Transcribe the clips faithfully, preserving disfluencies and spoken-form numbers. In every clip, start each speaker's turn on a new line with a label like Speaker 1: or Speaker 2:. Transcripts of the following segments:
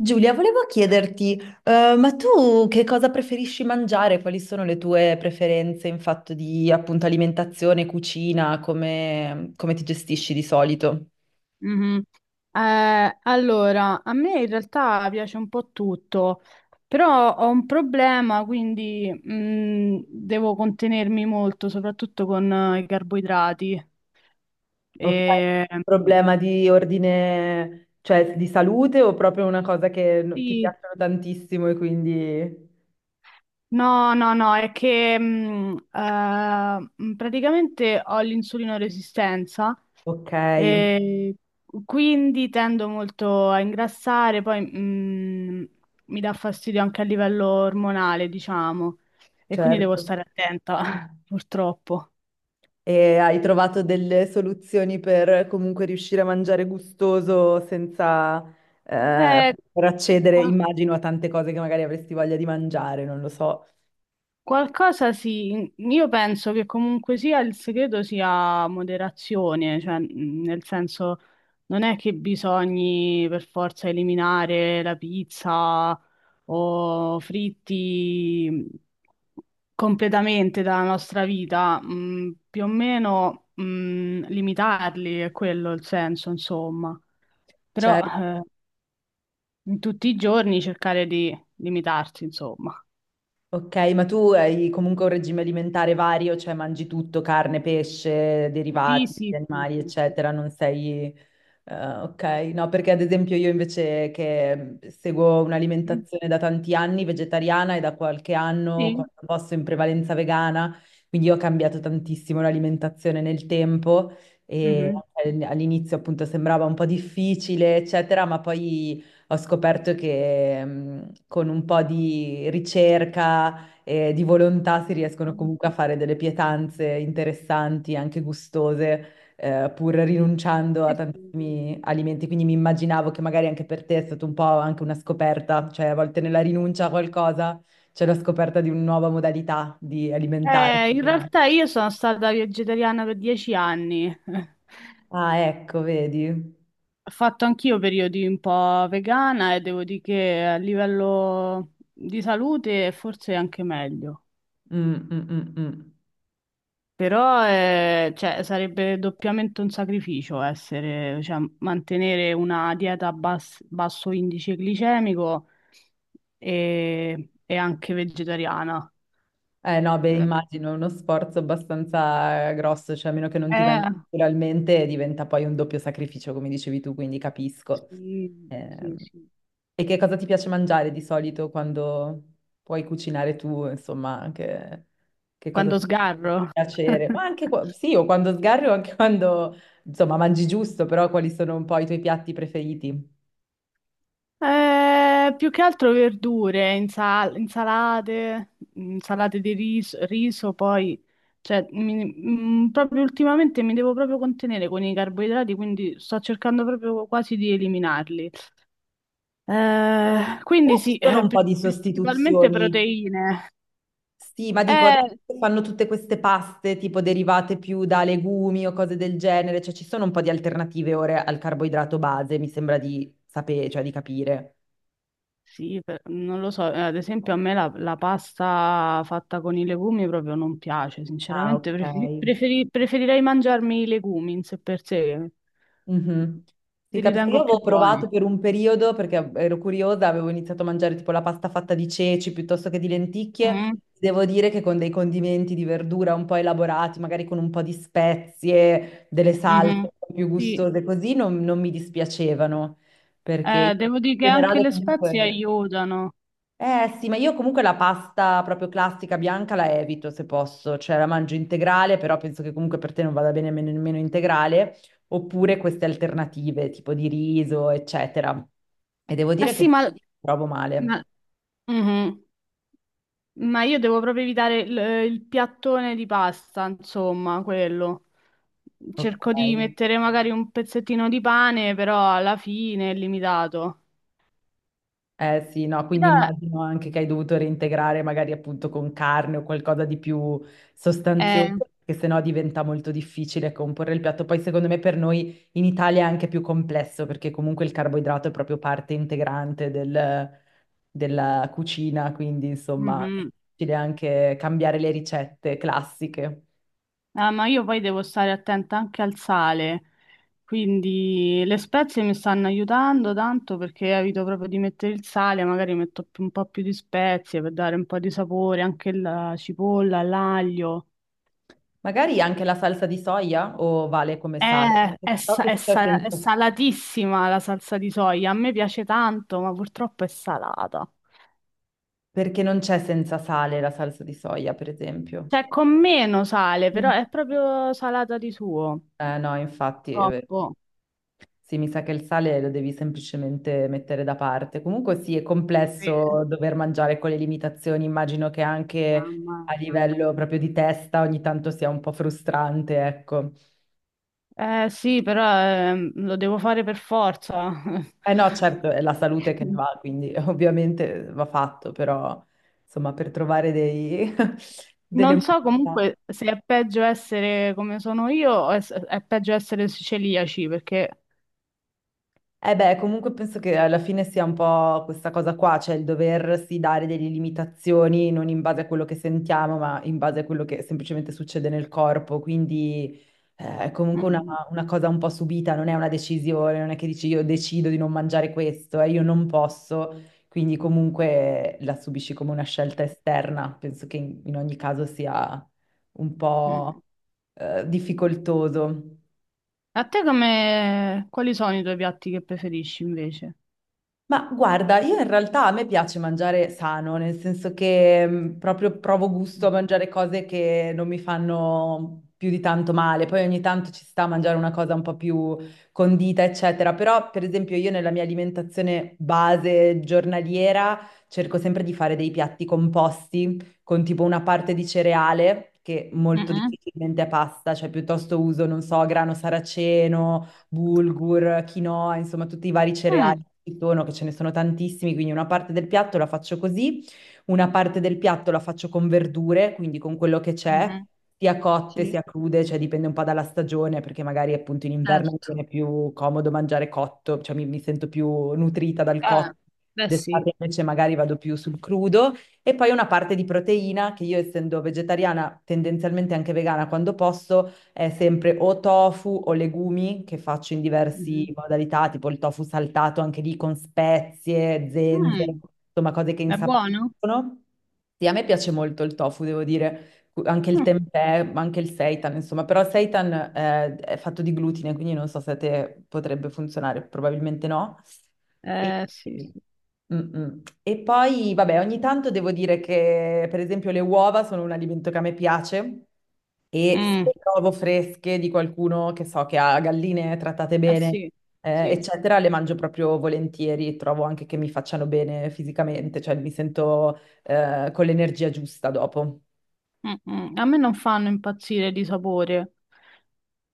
Speaker 1: Giulia, volevo chiederti, eh, ma tu che cosa preferisci mangiare? Quali sono le tue preferenze in fatto di appunto alimentazione, cucina? Come, come ti gestisci di solito?
Speaker 2: Mhm. Eh, allora, a me in realtà piace un po' tutto, però ho un problema, quindi mh, devo contenermi molto, soprattutto con eh, i carboidrati.
Speaker 1: Ok,
Speaker 2: E, mh,
Speaker 1: problema di ordine, cioè di salute o proprio una cosa che no- ti
Speaker 2: sì,
Speaker 1: piacciono tantissimo e quindi...
Speaker 2: no, no, no, è che mh, eh, mh, praticamente ho l'insulino resistenza.
Speaker 1: Ok,
Speaker 2: E quindi tendo molto a ingrassare, poi mh, mi dà fastidio anche a livello ormonale, diciamo, e quindi devo
Speaker 1: certo.
Speaker 2: stare attenta, purtroppo.
Speaker 1: E hai trovato delle soluzioni per comunque riuscire a mangiare gustoso senza eh,
Speaker 2: Eh,
Speaker 1: per accedere, immagino, a tante cose che magari avresti voglia di mangiare, non lo so.
Speaker 2: Qualcosa sì, io penso che comunque sia il segreto sia moderazione, cioè mh, nel senso non è che bisogni per forza eliminare la pizza o fritti mhmm, completamente dalla nostra vita, mh, più o meno mh, limitarli è quello il senso, insomma, però
Speaker 1: Certo.
Speaker 2: eh, in tutti i giorni cercare di limitarsi, insomma.
Speaker 1: Ok, ma tu hai comunque un regime alimentare vario, cioè mangi tutto, carne, pesce,
Speaker 2: Sì,
Speaker 1: derivati, gli
Speaker 2: sì, sì,
Speaker 1: animali,
Speaker 2: sì.
Speaker 1: eccetera, non sei... eh, ok, no, perché ad esempio io invece che mm, seguo
Speaker 2: Sì. Mm,
Speaker 1: un'alimentazione da tanti anni vegetariana e da qualche anno,
Speaker 2: sì.
Speaker 1: quando posso, in prevalenza vegana, quindi ho cambiato tantissimo l'alimentazione nel tempo e
Speaker 2: Mhm.
Speaker 1: anche all'inizio appunto sembrava un po' difficile, eccetera, ma poi... Ho scoperto che mh, con un po' di ricerca e di volontà si
Speaker 2: Ah,
Speaker 1: riescono comunque a fare delle pietanze interessanti, anche gustose, eh, pur rinunciando a
Speaker 2: sì, sì.
Speaker 1: tantissimi alimenti. Quindi mi immaginavo che magari anche per te è stata un po' anche una scoperta, cioè a volte nella rinuncia a qualcosa c'è la scoperta di una nuova modalità di
Speaker 2: Eh,
Speaker 1: alimentarsi.
Speaker 2: in realtà io sono stata vegetariana per dieci anni.
Speaker 1: Ah, ecco, vedi.
Speaker 2: Ho fatto anch'io periodi un po' vegana e devo dire che a livello di salute forse è anche meglio.
Speaker 1: Mm, mm, mm, mm.
Speaker 2: Però eh, cioè, sarebbe doppiamente un sacrificio essere, cioè, mantenere una dieta a bas- basso indice glicemico e, e anche vegetariana.
Speaker 1: Eh no, beh,
Speaker 2: Eh,
Speaker 1: immagino è uno sforzo abbastanza eh, grosso, cioè a meno che non ti venga
Speaker 2: eh,
Speaker 1: naturalmente diventa poi un doppio sacrificio, come dicevi tu, quindi capisco.
Speaker 2: Sì, sì,
Speaker 1: Ehm,
Speaker 2: sì.
Speaker 1: E che cosa ti piace mangiare di solito quando puoi cucinare tu, insomma, anche che cosa
Speaker 2: Quando
Speaker 1: ti fa
Speaker 2: sgarro.
Speaker 1: piacere? Ma anche qua- sì, o quando sgarri o anche quando, insomma, mangi giusto, però quali sono un po' i tuoi piatti preferiti?
Speaker 2: Eh, più che altro verdure, insal- insalate, insalate di riso, riso, poi, cioè, mi- mm, proprio ultimamente mi devo proprio contenere con i carboidrati, quindi sto cercando proprio quasi di eliminarli. Eh, quindi
Speaker 1: Però ci
Speaker 2: sì,
Speaker 1: sono
Speaker 2: eh,
Speaker 1: un po'
Speaker 2: pri-
Speaker 1: di
Speaker 2: principalmente
Speaker 1: sostituzioni.
Speaker 2: proteine.
Speaker 1: Sì, ma dico,
Speaker 2: Eh,
Speaker 1: adesso fanno tutte queste paste tipo derivate più da legumi o cose del genere, cioè ci sono un po' di alternative ora al carboidrato base, mi sembra di sapere, cioè di capire.
Speaker 2: Sì, per- non lo so, eh, ad esempio a me la, la pasta fatta con i legumi proprio non piace,
Speaker 1: Ah,
Speaker 2: sinceramente
Speaker 1: ok.
Speaker 2: preferi- preferi- preferirei mangiarmi i legumi in sé per sé, che
Speaker 1: Mhm. Sì,
Speaker 2: li
Speaker 1: capisco. Io
Speaker 2: ritengo
Speaker 1: avevo
Speaker 2: più buoni.
Speaker 1: provato per un periodo perché ero curiosa, avevo iniziato a mangiare tipo la pasta fatta di ceci piuttosto che di lenticchie.
Speaker 2: Mm,
Speaker 1: Devo dire che con dei condimenti di verdura un po' elaborati, magari con un po' di spezie, delle salse
Speaker 2: mhm.
Speaker 1: un po' più
Speaker 2: Sì,
Speaker 1: gustose, così non, non mi dispiacevano, perché
Speaker 2: eh,
Speaker 1: in
Speaker 2: devo dire che anche
Speaker 1: generale
Speaker 2: le spezie
Speaker 1: comunque...
Speaker 2: aiutano.
Speaker 1: Eh sì, ma io comunque la pasta proprio classica bianca la evito se posso, cioè la mangio integrale, però penso che comunque per te non vada bene men- nemmeno integrale, oppure queste alternative tipo di riso, eccetera. E devo
Speaker 2: Eh
Speaker 1: dire che
Speaker 2: sì, ma,
Speaker 1: provo
Speaker 2: ma-
Speaker 1: male.
Speaker 2: mhm. Ma io devo proprio evitare il, il piattone di pasta, insomma, quello.
Speaker 1: Ok.
Speaker 2: Cerco di mettere magari un pezzettino di pane, però alla fine è limitato.
Speaker 1: Eh sì, no, quindi
Speaker 2: Però,
Speaker 1: immagino anche che hai dovuto reintegrare magari appunto con carne o qualcosa di più
Speaker 2: eh,
Speaker 1: sostanzioso, perché sennò diventa molto difficile comporre il piatto. Poi secondo me per noi in Italia è anche più complesso perché comunque il carboidrato è proprio parte integrante del- della cucina, quindi insomma è
Speaker 2: mhm.
Speaker 1: difficile anche cambiare le ricette classiche.
Speaker 2: Ah, ma io poi devo stare attenta anche al sale, quindi le spezie mi stanno aiutando tanto perché evito proprio di mettere il sale, magari metto più- un po' più di spezie per dare un po' di sapore, anche la cipolla, l'aglio.
Speaker 1: Magari anche la salsa di soia o vale come sale?
Speaker 2: Eh, È,
Speaker 1: So
Speaker 2: sa- è
Speaker 1: che c'è
Speaker 2: sa- è
Speaker 1: senza-
Speaker 2: salatissima la salsa di soia, a me piace tanto, ma purtroppo è salata.
Speaker 1: perché non c'è senza sale la salsa di soia, per esempio.
Speaker 2: Cioè, con meno sale, però
Speaker 1: Mm.
Speaker 2: è proprio salata di suo.
Speaker 1: Eh, no, infatti, eh,
Speaker 2: Troppo.
Speaker 1: sì, mi sa che il sale lo devi semplicemente mettere da parte. Comunque sì, è
Speaker 2: Sì.
Speaker 1: complesso dover mangiare con le limitazioni, immagino che anche
Speaker 2: Mamma
Speaker 1: a
Speaker 2: mia.
Speaker 1: livello proprio di testa ogni tanto sia un po' frustrante, ecco.
Speaker 2: Eh sì, però ehm, lo devo fare per forza.
Speaker 1: Eh no, certo, è la salute che ne va, quindi ovviamente va fatto, però insomma, per trovare dei, delle
Speaker 2: Non so
Speaker 1: modalità.
Speaker 2: comunque se è peggio essere come sono io o è, è peggio essere celiaci, perché...
Speaker 1: Eh beh, comunque penso che alla fine sia un po' questa cosa qua, cioè il doversi dare delle limitazioni non in base a quello che sentiamo, ma in base a quello che semplicemente succede nel corpo. Quindi eh, è comunque una,
Speaker 2: Mhm.
Speaker 1: una cosa un po' subita, non è una decisione, non è che dici io decido di non mangiare questo, eh, io non posso, quindi comunque la subisci come una scelta esterna. Penso che in in ogni caso sia un po'
Speaker 2: Mhm.
Speaker 1: eh, difficoltoso.
Speaker 2: A te come... quali sono i tuoi piatti che preferisci invece?
Speaker 1: Ma guarda, io in realtà a me piace mangiare sano, nel senso che mh, proprio provo gusto a mangiare cose che non mi fanno più di tanto male. Poi ogni tanto ci sta a mangiare una cosa un po' più condita, eccetera. Però, per esempio, io nella mia alimentazione base giornaliera cerco sempre di fare dei piatti composti con tipo una parte di cereale, che molto
Speaker 2: Mhm.
Speaker 1: difficilmente è pasta, cioè piuttosto uso, non so, grano saraceno, bulgur, quinoa, insomma tutti i vari cereali
Speaker 2: Mm.
Speaker 1: che ci sono, che ce ne sono tantissimi, quindi una parte del piatto la faccio così, una parte del piatto la faccio con verdure, quindi con quello che c'è,
Speaker 2: Mhm.
Speaker 1: sia cotte
Speaker 2: Sì,
Speaker 1: sia crude, cioè dipende un po' dalla stagione, perché magari appunto in inverno mi
Speaker 2: certo.
Speaker 1: viene più comodo mangiare cotto, cioè mi, mi sento più nutrita dal
Speaker 2: Eh,
Speaker 1: cotto.
Speaker 2: beh sì.
Speaker 1: D'estate invece magari vado più sul crudo e poi una parte di proteina che io essendo vegetariana, tendenzialmente anche vegana quando posso, è sempre o tofu o legumi che faccio in diverse
Speaker 2: Mm-hmm.
Speaker 1: modalità, tipo il tofu saltato anche lì con spezie, zenzero,
Speaker 2: Mm,
Speaker 1: insomma cose che
Speaker 2: è buono?
Speaker 1: insaporiscono. Sì, a me piace molto il tofu, devo dire, cu- anche il
Speaker 2: Mm,
Speaker 1: tempeh, ma anche il seitan, insomma, però il seitan eh, è fatto di glutine, quindi non so se a te potrebbe funzionare, probabilmente no. E,
Speaker 2: eh sì, sì.
Speaker 1: mm, mm. E poi, vabbè, ogni tanto devo dire che, per esempio, le uova sono un alimento che a me piace e se
Speaker 2: Mm,
Speaker 1: le trovo fresche di qualcuno che so che ha galline trattate
Speaker 2: eh
Speaker 1: bene,
Speaker 2: sì,
Speaker 1: eh,
Speaker 2: sì.
Speaker 1: eccetera, le mangio proprio volentieri, trovo anche che mi facciano bene fisicamente, cioè mi sento, eh, con l'energia giusta dopo.
Speaker 2: Mm, mm. A me non fanno impazzire di sapore.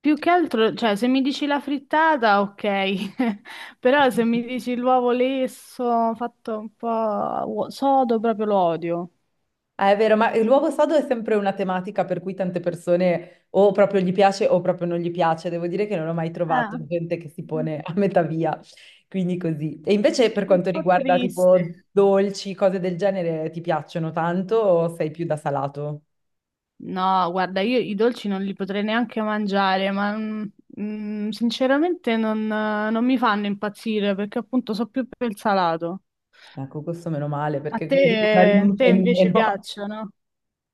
Speaker 2: Più che altro, cioè, se mi dici la frittata, ok. Però se mi dici l'uovo lesso, fatto un po' uo- sodo, proprio lo odio.
Speaker 1: Ah, è vero, ma l'uovo sodo è sempre una tematica per cui tante persone o proprio gli piace o proprio non gli piace. Devo dire che non ho mai trovato
Speaker 2: Eh,
Speaker 1: gente che si
Speaker 2: mm,
Speaker 1: pone a metà via, quindi così. E invece per
Speaker 2: un
Speaker 1: quanto
Speaker 2: po'
Speaker 1: riguarda
Speaker 2: triste.
Speaker 1: tipo dolci, cose del genere, ti piacciono tanto o sei più da salato?
Speaker 2: No, guarda, io i dolci non li potrei neanche mangiare, ma mm, mm, sinceramente non, non mi fanno impazzire perché appunto so più per il salato.
Speaker 1: Ecco, questo meno male
Speaker 2: A
Speaker 1: perché così è una
Speaker 2: te, te
Speaker 1: rinuncia in
Speaker 2: invece
Speaker 1: meno.
Speaker 2: piacciono?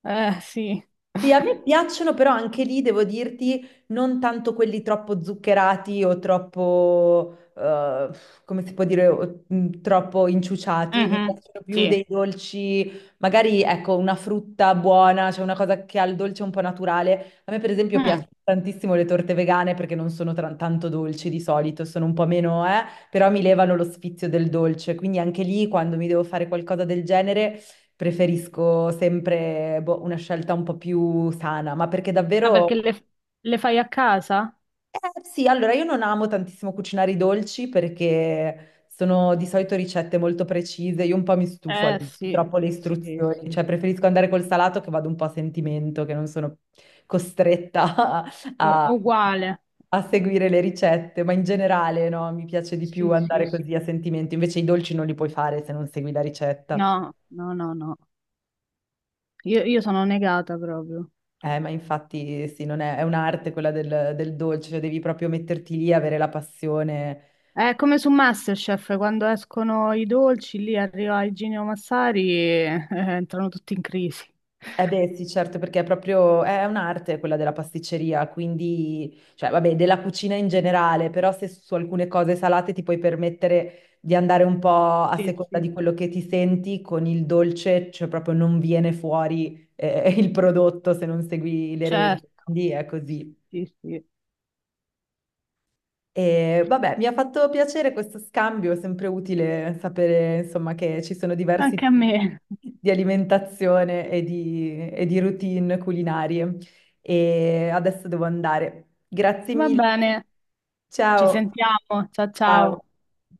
Speaker 2: Eh, sì.
Speaker 1: Sì, a me piacciono, però anche lì devo dirti, non tanto quelli troppo zuccherati o troppo, eh, come si può dire, o- mh, troppo inciuciati. Mi
Speaker 2: Mhm,
Speaker 1: piacciono più
Speaker 2: sì.
Speaker 1: dei dolci, magari ecco, una frutta buona, cioè una cosa che ha il dolce un po' naturale. A me, per esempio,
Speaker 2: Mm.
Speaker 1: piacciono tantissimo le torte vegane perché non sono tra- tanto dolci di solito, sono un po' meno, eh, però mi levano lo sfizio del dolce. Quindi anche lì, quando mi devo fare qualcosa del genere. Preferisco sempre boh, una scelta un po' più sana, ma perché
Speaker 2: Ah,
Speaker 1: davvero...
Speaker 2: perché le, le fai a casa?
Speaker 1: Eh, sì, allora io non amo tantissimo cucinare i dolci perché sono di solito ricette molto precise, io un po' mi stufo a
Speaker 2: Eh,
Speaker 1: leggere
Speaker 2: sì,
Speaker 1: troppo le
Speaker 2: sì,
Speaker 1: istruzioni,
Speaker 2: sì.
Speaker 1: cioè preferisco andare col salato che vado un po' a sentimento, che non sono costretta
Speaker 2: U-
Speaker 1: a,
Speaker 2: uguale.
Speaker 1: a seguire le ricette, ma in generale no, mi piace di più
Speaker 2: Sì, sì,
Speaker 1: andare
Speaker 2: sì.
Speaker 1: così a sentimento, invece i dolci non li puoi fare se non segui la ricetta.
Speaker 2: No, no, no, no. Io, io sono negata proprio.
Speaker 1: Eh, ma infatti sì, non è, è un'arte quella del, del dolce, cioè devi proprio metterti lì, avere la passione.
Speaker 2: È come su MasterChef, quando escono i dolci, lì arriva Igino Massari e eh, entrano tutti in crisi.
Speaker 1: Eh beh, sì, certo, perché è proprio, è un'arte quella della pasticceria, quindi, cioè, vabbè, della cucina in generale, però se su alcune cose salate ti puoi permettere di andare un po' a
Speaker 2: Sì,
Speaker 1: seconda
Speaker 2: sì,
Speaker 1: di quello che ti senti, con il dolce, cioè proprio non viene fuori, eh, il prodotto se non segui le regole.
Speaker 2: certo.
Speaker 1: Quindi è così.
Speaker 2: Sì, sì.
Speaker 1: E vabbè, mi ha fatto piacere questo scambio, è sempre utile sapere, insomma, che ci sono diversi
Speaker 2: Anche a me.
Speaker 1: tipi di alimentazione e di, e di routine culinarie. E adesso devo andare. Grazie
Speaker 2: Va
Speaker 1: mille.
Speaker 2: bene, ci
Speaker 1: Ciao.
Speaker 2: sentiamo. Ciao,
Speaker 1: Ciao.
Speaker 2: ciao.